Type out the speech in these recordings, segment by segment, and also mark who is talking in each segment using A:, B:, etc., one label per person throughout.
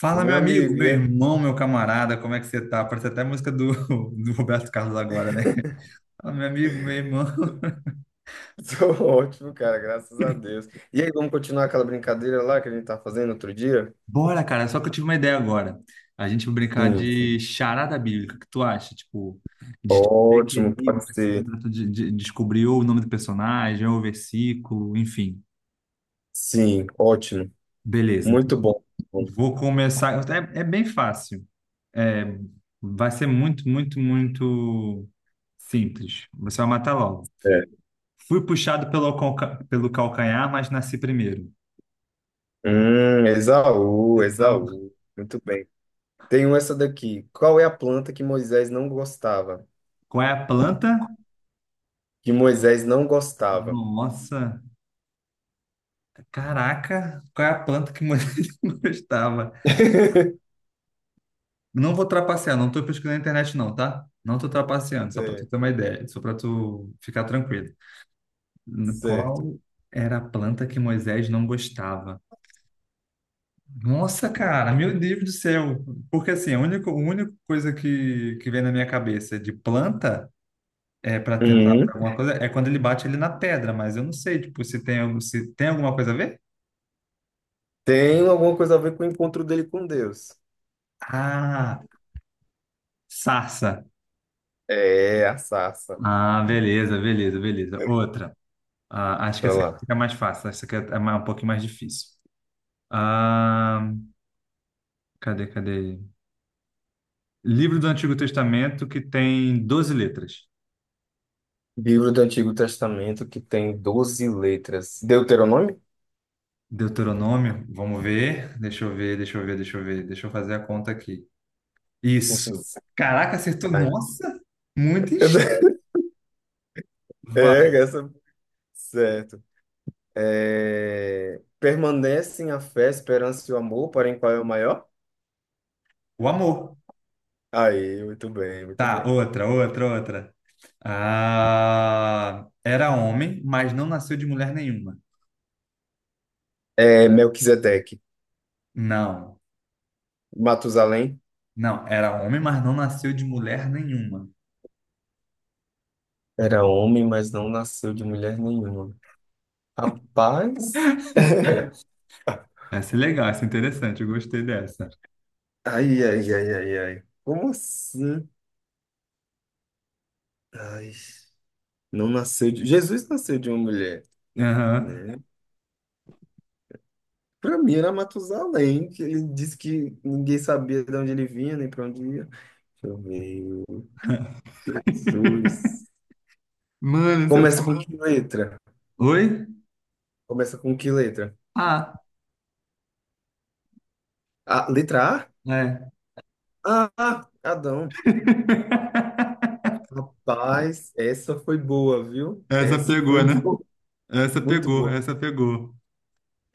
A: Fala, meu
B: Meu
A: amigo,
B: amigo,
A: meu
B: e aí?
A: irmão, meu camarada, como é que você tá? Parece até a música do, do Roberto Carlos agora, né? Fala, meu amigo, meu irmão.
B: Tô ótimo, cara, graças a Deus. E aí, vamos continuar aquela brincadeira lá que a gente tá fazendo outro dia?
A: Bora, cara, só que eu tive uma ideia agora. A gente vai brincar
B: Sim,
A: de
B: sim.
A: charada bíblica, o que tu acha? Tipo, meio que
B: Ótimo,
A: enigma,
B: pode
A: assim,
B: ser.
A: pra tu descobrir ou o nome do personagem, ou o versículo, enfim.
B: Sim, ótimo.
A: Beleza, então.
B: Muito bom. Muito bom,
A: Vou começar. É bem fácil. É, vai ser muito, muito, muito simples. Você vai matar logo.
B: é.
A: Fui puxado pelo calcanhar, mas nasci primeiro.
B: Esaú,
A: Exa-
B: Esaú. Muito bem. Tem um essa daqui. Qual é a planta que Moisés não gostava?
A: Qual é a planta?
B: Que Moisés não gostava.
A: Nossa, caraca, qual é a planta que mais eu gostava? Não vou trapacear, não tô pesquisando na internet não, tá? Não tô trapaceando, só para tu
B: Certo,
A: ter uma ideia, só para tu ficar tranquilo.
B: certo.
A: Qual era a planta que Moisés não gostava? Nossa, cara, meu Deus do céu. Porque assim, a única coisa que vem na minha cabeça de planta. É para tentar
B: Uhum.
A: alguma coisa. É quando ele bate ele na pedra, mas eu não sei, tipo, se tem alguma coisa a ver?
B: Tem alguma coisa a ver com o encontro dele com Deus.
A: Ah, sarça.
B: É, a sarça.
A: Ah, beleza, beleza, beleza. Outra. Ah, acho que
B: Vai
A: essa aqui
B: lá.
A: fica mais fácil. Essa aqui é um pouquinho mais difícil. Ah, cadê, cadê? Livro do Antigo Testamento que tem 12 letras.
B: Livro do Antigo Testamento que tem 12 letras. Deuteronômio?
A: Deuteronômio, vamos ver. Deixa eu ver, deixa eu ver, deixa eu ver. Deixa eu fazer a conta aqui. Isso. Caraca, acertou.
B: Ai.
A: Nossa, muito em cheio. Vai.
B: É, essa... Certo. É... Permanecem a fé, a esperança e o amor, porém qual é o maior?
A: O amor.
B: Aí, muito bem, muito
A: Tá,
B: bem.
A: outra, outra, outra. Ah, era homem, mas não nasceu de mulher nenhuma.
B: É Melquisedeque.
A: Não,
B: Matusalém
A: não, era homem, mas não nasceu de mulher nenhuma.
B: era homem, mas não nasceu de mulher nenhuma. Rapaz,
A: Essa é legal, essa é interessante, eu gostei dessa.
B: ai, ai, ai, ai, ai. Como assim? Ai, não nasceu de... Jesus nasceu de uma mulher,
A: Aham.
B: né? Para mim era Matusalém, que ele disse que ninguém sabia de onde ele vinha, nem para onde ia. Deixa eu ver. Jesus.
A: Mano, essa é...
B: Começa com que letra?
A: Oi?
B: Começa com que letra?
A: Ah,
B: A, letra A?
A: é.
B: Ah, ah, Adão. Rapaz, essa foi boa, viu?
A: Essa
B: Essa foi
A: pegou, né?
B: boa,
A: Essa
B: muito
A: pegou,
B: boa.
A: essa pegou.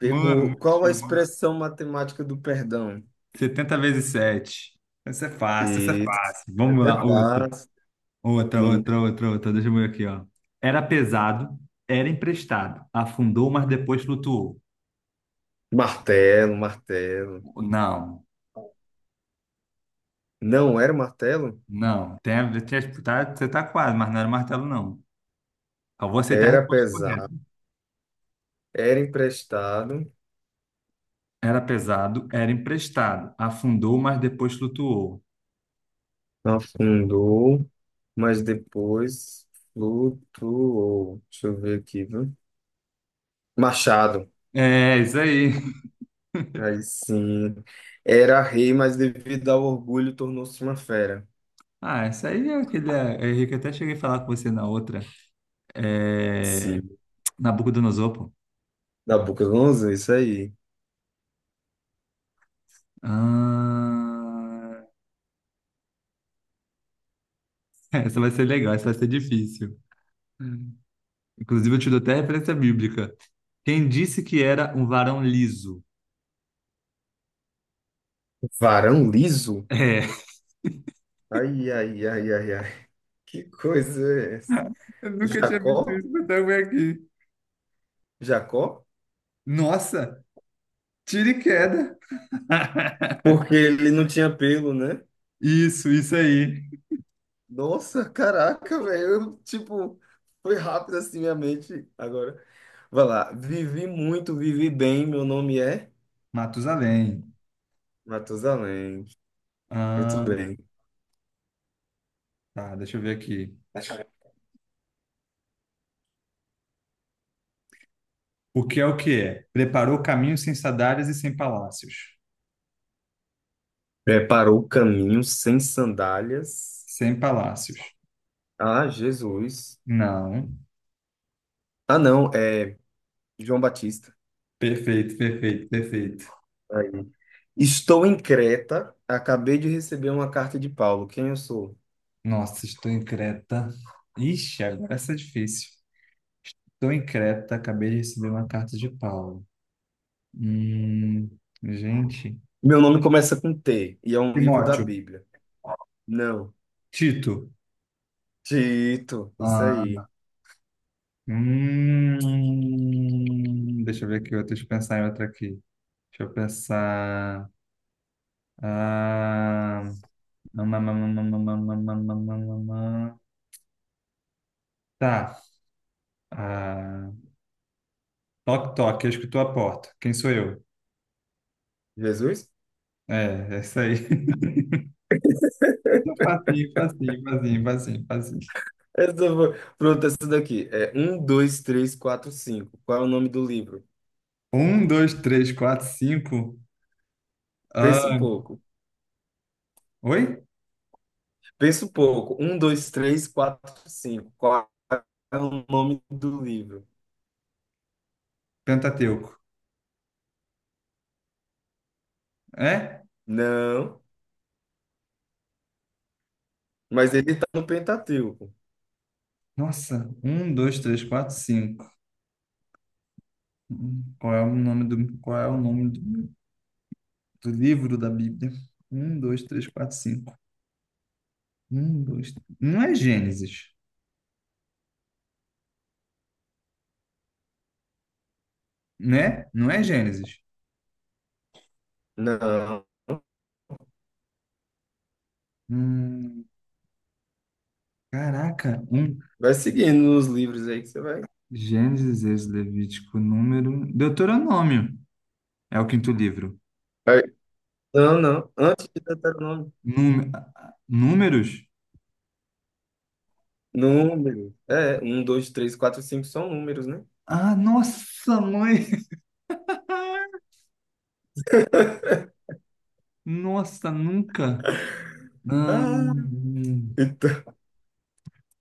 A: Mano, muito
B: Qual a
A: show.
B: expressão matemática do perdão?
A: 70 vezes sete. Essa é fácil, essa é
B: Isso.
A: fácil. Vamos
B: É
A: lá, outra.
B: fácil,
A: Outra,
B: sim.
A: outra, outra, outra. Deixa eu ver aqui, ó. Era pesado, era emprestado, afundou, mas depois flutuou.
B: Martelo, martelo.
A: Não,
B: Não era martelo?
A: não. Tá, você tá quase, mas não era martelo, não. Eu vou aceitar a
B: Era
A: resposta correta.
B: pesado. Era emprestado,
A: Era pesado, era emprestado, afundou, mas depois flutuou.
B: afundou, mas depois flutuou. Deixa eu ver aqui, viu? Machado.
A: É, isso aí.
B: Aí sim. Era rei, mas devido ao orgulho tornou-se uma fera.
A: Ah, isso aí é aquele. É, Henrique, eu até cheguei a falar com você na outra. É,
B: Sim.
A: Nabucodonosor, pô.
B: Nabucodonosor, isso aí.
A: Ah, essa vai ser legal, essa vai ser difícil. Inclusive, eu te dou até referência bíblica. Quem disse que era um varão liso?
B: Varão liso?
A: É.
B: Ai, ai, ai, ai, ai. Que coisa é essa?
A: Eu nunca tinha visto
B: Jacó?
A: isso, mas também aqui.
B: Jacó?
A: Nossa, tiro e queda.
B: Porque ele não tinha pelo, né?
A: Isso aí.
B: Nossa, caraca, velho. Eu, tipo, foi rápido assim minha mente. Agora, vai lá. Vivi muito, vivi bem. Meu nome é
A: Matusalém.
B: Matusalém. Muito
A: Ah,
B: bem.
A: tá, deixa eu ver aqui. O que é o que é? Preparou caminhos sem sadares e sem palácios.
B: Preparou o caminho sem sandálias.
A: Sem palácios.
B: Ah, Jesus.
A: Não.
B: Ah, não, é João Batista.
A: Perfeito, perfeito, perfeito.
B: Aí. Estou em Creta. Acabei de receber uma carta de Paulo. Quem eu sou?
A: Nossa, estou em Creta. Ixi, agora essa é difícil. Estou em Creta, acabei de receber uma carta de Paulo. Hum, gente.
B: Meu nome começa com T e é um livro da
A: Timóteo.
B: Bíblia. Não.
A: Tito.
B: Tito, isso
A: Ah,
B: aí.
A: Deixa eu ver aqui, outra, deixa eu pensar em outra aqui. Deixa eu pensar. Ah, mamamamamamamamamamamamamam. Tá. Ah, toque, toque, eu escuto a porta. Quem sou eu?
B: Jesus?
A: É isso aí. Facinho, facinho, facinho, facinho, facinho.
B: Essa foi... Pronto, essa daqui. É um, dois, três, quatro, cinco. Qual é o nome do livro?
A: Um, dois, três, quatro, cinco.
B: Pensa um
A: Ah,
B: pouco.
A: oi?
B: Pensa um pouco. Um, dois, três, quatro, cinco. Qual é o nome do livro?
A: Pentateuco. É?
B: Não. Mas ele tá no Pentateuco.
A: Nossa, um, dois, três, quatro, cinco. Qual é o nome do, do livro da Bíblia? Um, dois, três, quatro, cinco. Um, dois. Não é Gênesis, né? Não é Gênesis.
B: Não.
A: Hum, caraca, um.
B: Vai seguindo os livros aí que você vai.
A: Gênesis, Êxodo, Levítico, número. Deuteronômio é o quinto livro.
B: Vai. Não, não. Antes de Deuteronômio.
A: Núme- Números?
B: Número. É, um, dois, três, quatro, cinco são números, né?
A: Ah, nossa, mãe! Nossa, nunca. Hum,
B: Ah,
A: hum.
B: então.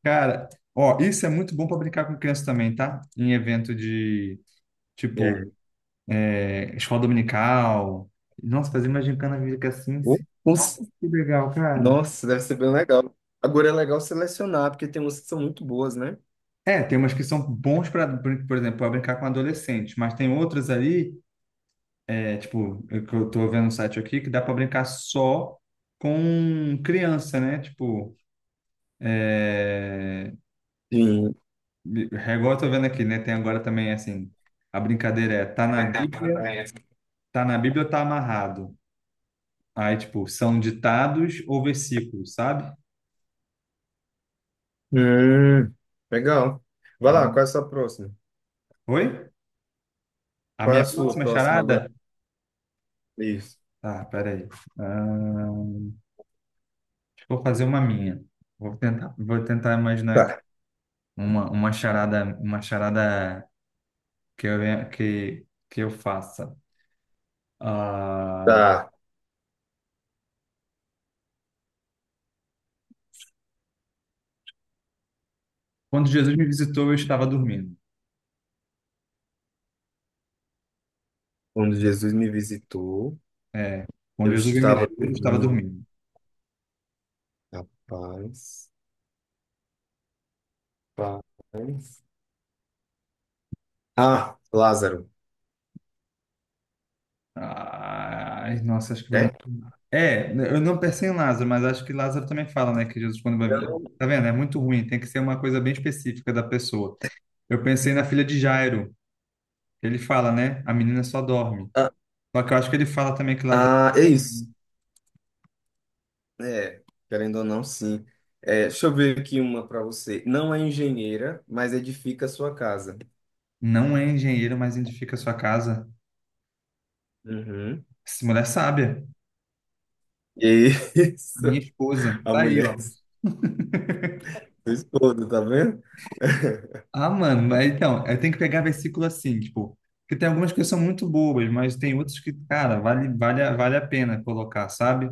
A: Cara, ó, isso é muito bom para brincar com criança também, tá? Em evento de, tipo,
B: É.
A: escola dominical. Nossa, fazer uma gincana bíblica assim,
B: Um, um,
A: que legal, cara.
B: nossa, deve ser bem legal. Agora é legal selecionar, porque tem músicas que são muito boas, né?
A: É, tem umas que são bons para, por exemplo, para brincar com adolescente, mas tem outras ali, tipo, que eu tô vendo um site aqui, que dá para brincar só com criança, né? Tipo, é...
B: Sim.
A: Igual eu tô vendo aqui, né? Tem agora também, assim, a brincadeira é tá na Bíblia ou tá amarrado? Aí, tipo, são ditados ou versículos, sabe?
B: Hum, legal. Vai
A: É
B: lá, qual
A: uma...
B: é a sua próxima?
A: Oi? A
B: Qual é a
A: minha
B: sua
A: próxima
B: próxima agora?
A: charada?
B: Isso.
A: Tá, peraí. Ah, acho que vou fazer uma minha. Vou tentar imaginar aqui
B: Tá.
A: uma charada que eu faça. Ah,
B: Tá.
A: quando Jesus me visitou, eu estava dormindo.
B: Quando Jesus me visitou,
A: É, quando
B: eu
A: Jesus me
B: estava
A: visitou, eu estava
B: dormindo.
A: dormindo.
B: Rapaz, paz. Ah, Lázaro,
A: Ai, nossa, acho que foi.
B: né?
A: É, eu não pensei em Lázaro, mas acho que Lázaro também fala, né, que Jesus quando vai... Tá vendo? É muito ruim, tem que ser uma coisa bem específica da pessoa. Eu pensei na filha de Jairo, que ele fala, né, a menina só dorme.
B: Ah,
A: Só que eu acho que ele fala também que Lázaro
B: ah, é isso. É, querendo ou não, sim. É, deixa eu ver aqui uma para você. Não é engenheira, mas edifica a sua casa.
A: não é engenheiro, mas edifica a sua casa.
B: Uhum.
A: Essa mulher é sábia,
B: E é
A: a minha
B: isso,
A: esposa,
B: a
A: tá aí,
B: mulher
A: ó.
B: do esposo, tá vendo?
A: Ah, mano, mas então, eu tenho que pegar versículo assim, tipo, porque tem algumas que são muito bobas, mas tem outras que, cara, vale a pena colocar, sabe?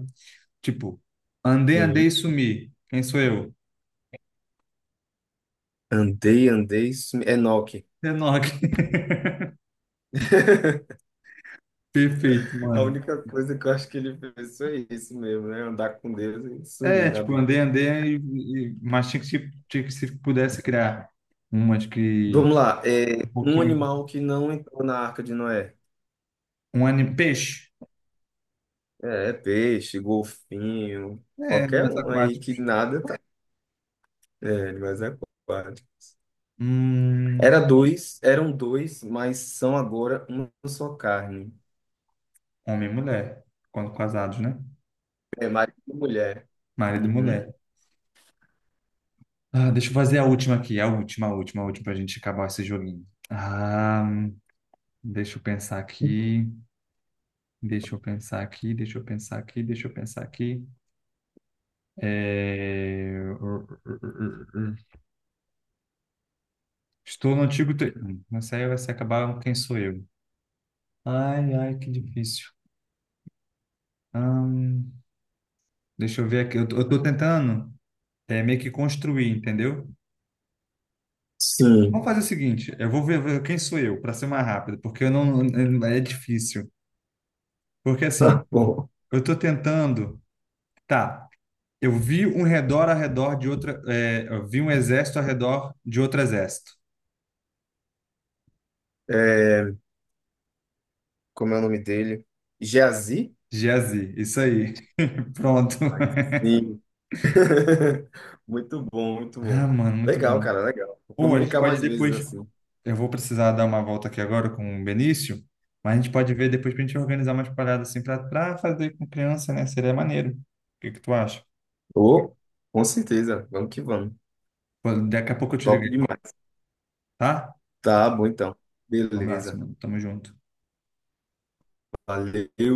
A: Tipo, andei,
B: Sim.
A: andei e sumi, quem sou eu?
B: Andei, andei, Enoque.
A: Enoch. Perfeito,
B: A
A: mano.
B: única coisa que eu acho que ele fez foi isso mesmo, né? Andar com Deus e
A: É,
B: sumir na
A: tipo,
B: Bíblia.
A: andei, andei, mas tinha que, tinha que se pudesse criar umas que
B: Vamos lá.
A: um
B: É um
A: pouquinho,
B: animal que não entrou na Arca de Noé.
A: um anime, peixe,
B: É, é peixe, golfinho, qualquer
A: mais
B: um aí
A: aquático.
B: que nada tá. É, mas é aquático.
A: Hum,
B: Era dois, eram dois, mas são agora uma só carne.
A: homem e mulher, quando casados, né?
B: É marido e mulher.
A: Marido e
B: Uhum.
A: mulher. Ah, deixa eu fazer a última aqui, a última, a última, a última, pra gente acabar esse joguinho. Ah, deixa eu pensar aqui, deixa eu pensar aqui, deixa eu pensar aqui, deixa eu pensar aqui. É... Estou no antigo. Aí vai se acabar quem sou eu. Ai, ai, que difícil. Hum, deixa eu ver aqui. Eu tô tentando meio que construir, entendeu?
B: Sim.
A: Vamos fazer o seguinte: eu vou ver quem sou eu, para ser mais rápido, porque eu não. É difícil. Porque assim,
B: Tá bom.
A: eu tô tentando. Tá, eu vi um redor ao redor de outra. Eu vi um exército ao redor de outro exército.
B: É, como é o nome dele? Geazi?
A: Geazi, isso aí. Pronto.
B: Aí sim. Muito bom, muito
A: Ah,
B: bom.
A: mano, muito
B: Legal,
A: bom.
B: cara, legal.
A: Ou
B: Vamos
A: a gente
B: brincar
A: pode
B: mais vezes
A: depois.
B: assim.
A: Eu vou precisar dar uma volta aqui agora com o Benício, mas a gente pode ver depois pra gente organizar umas paradas assim pra fazer com criança, né? Seria maneiro. O que que tu acha?
B: Ô, com certeza. Vamos que vamos.
A: Pô, daqui a pouco eu te
B: Top
A: liguei,
B: demais.
A: tá?
B: Tá bom, então.
A: Um abraço,
B: Beleza.
A: mano. Tamo junto.
B: Valeu.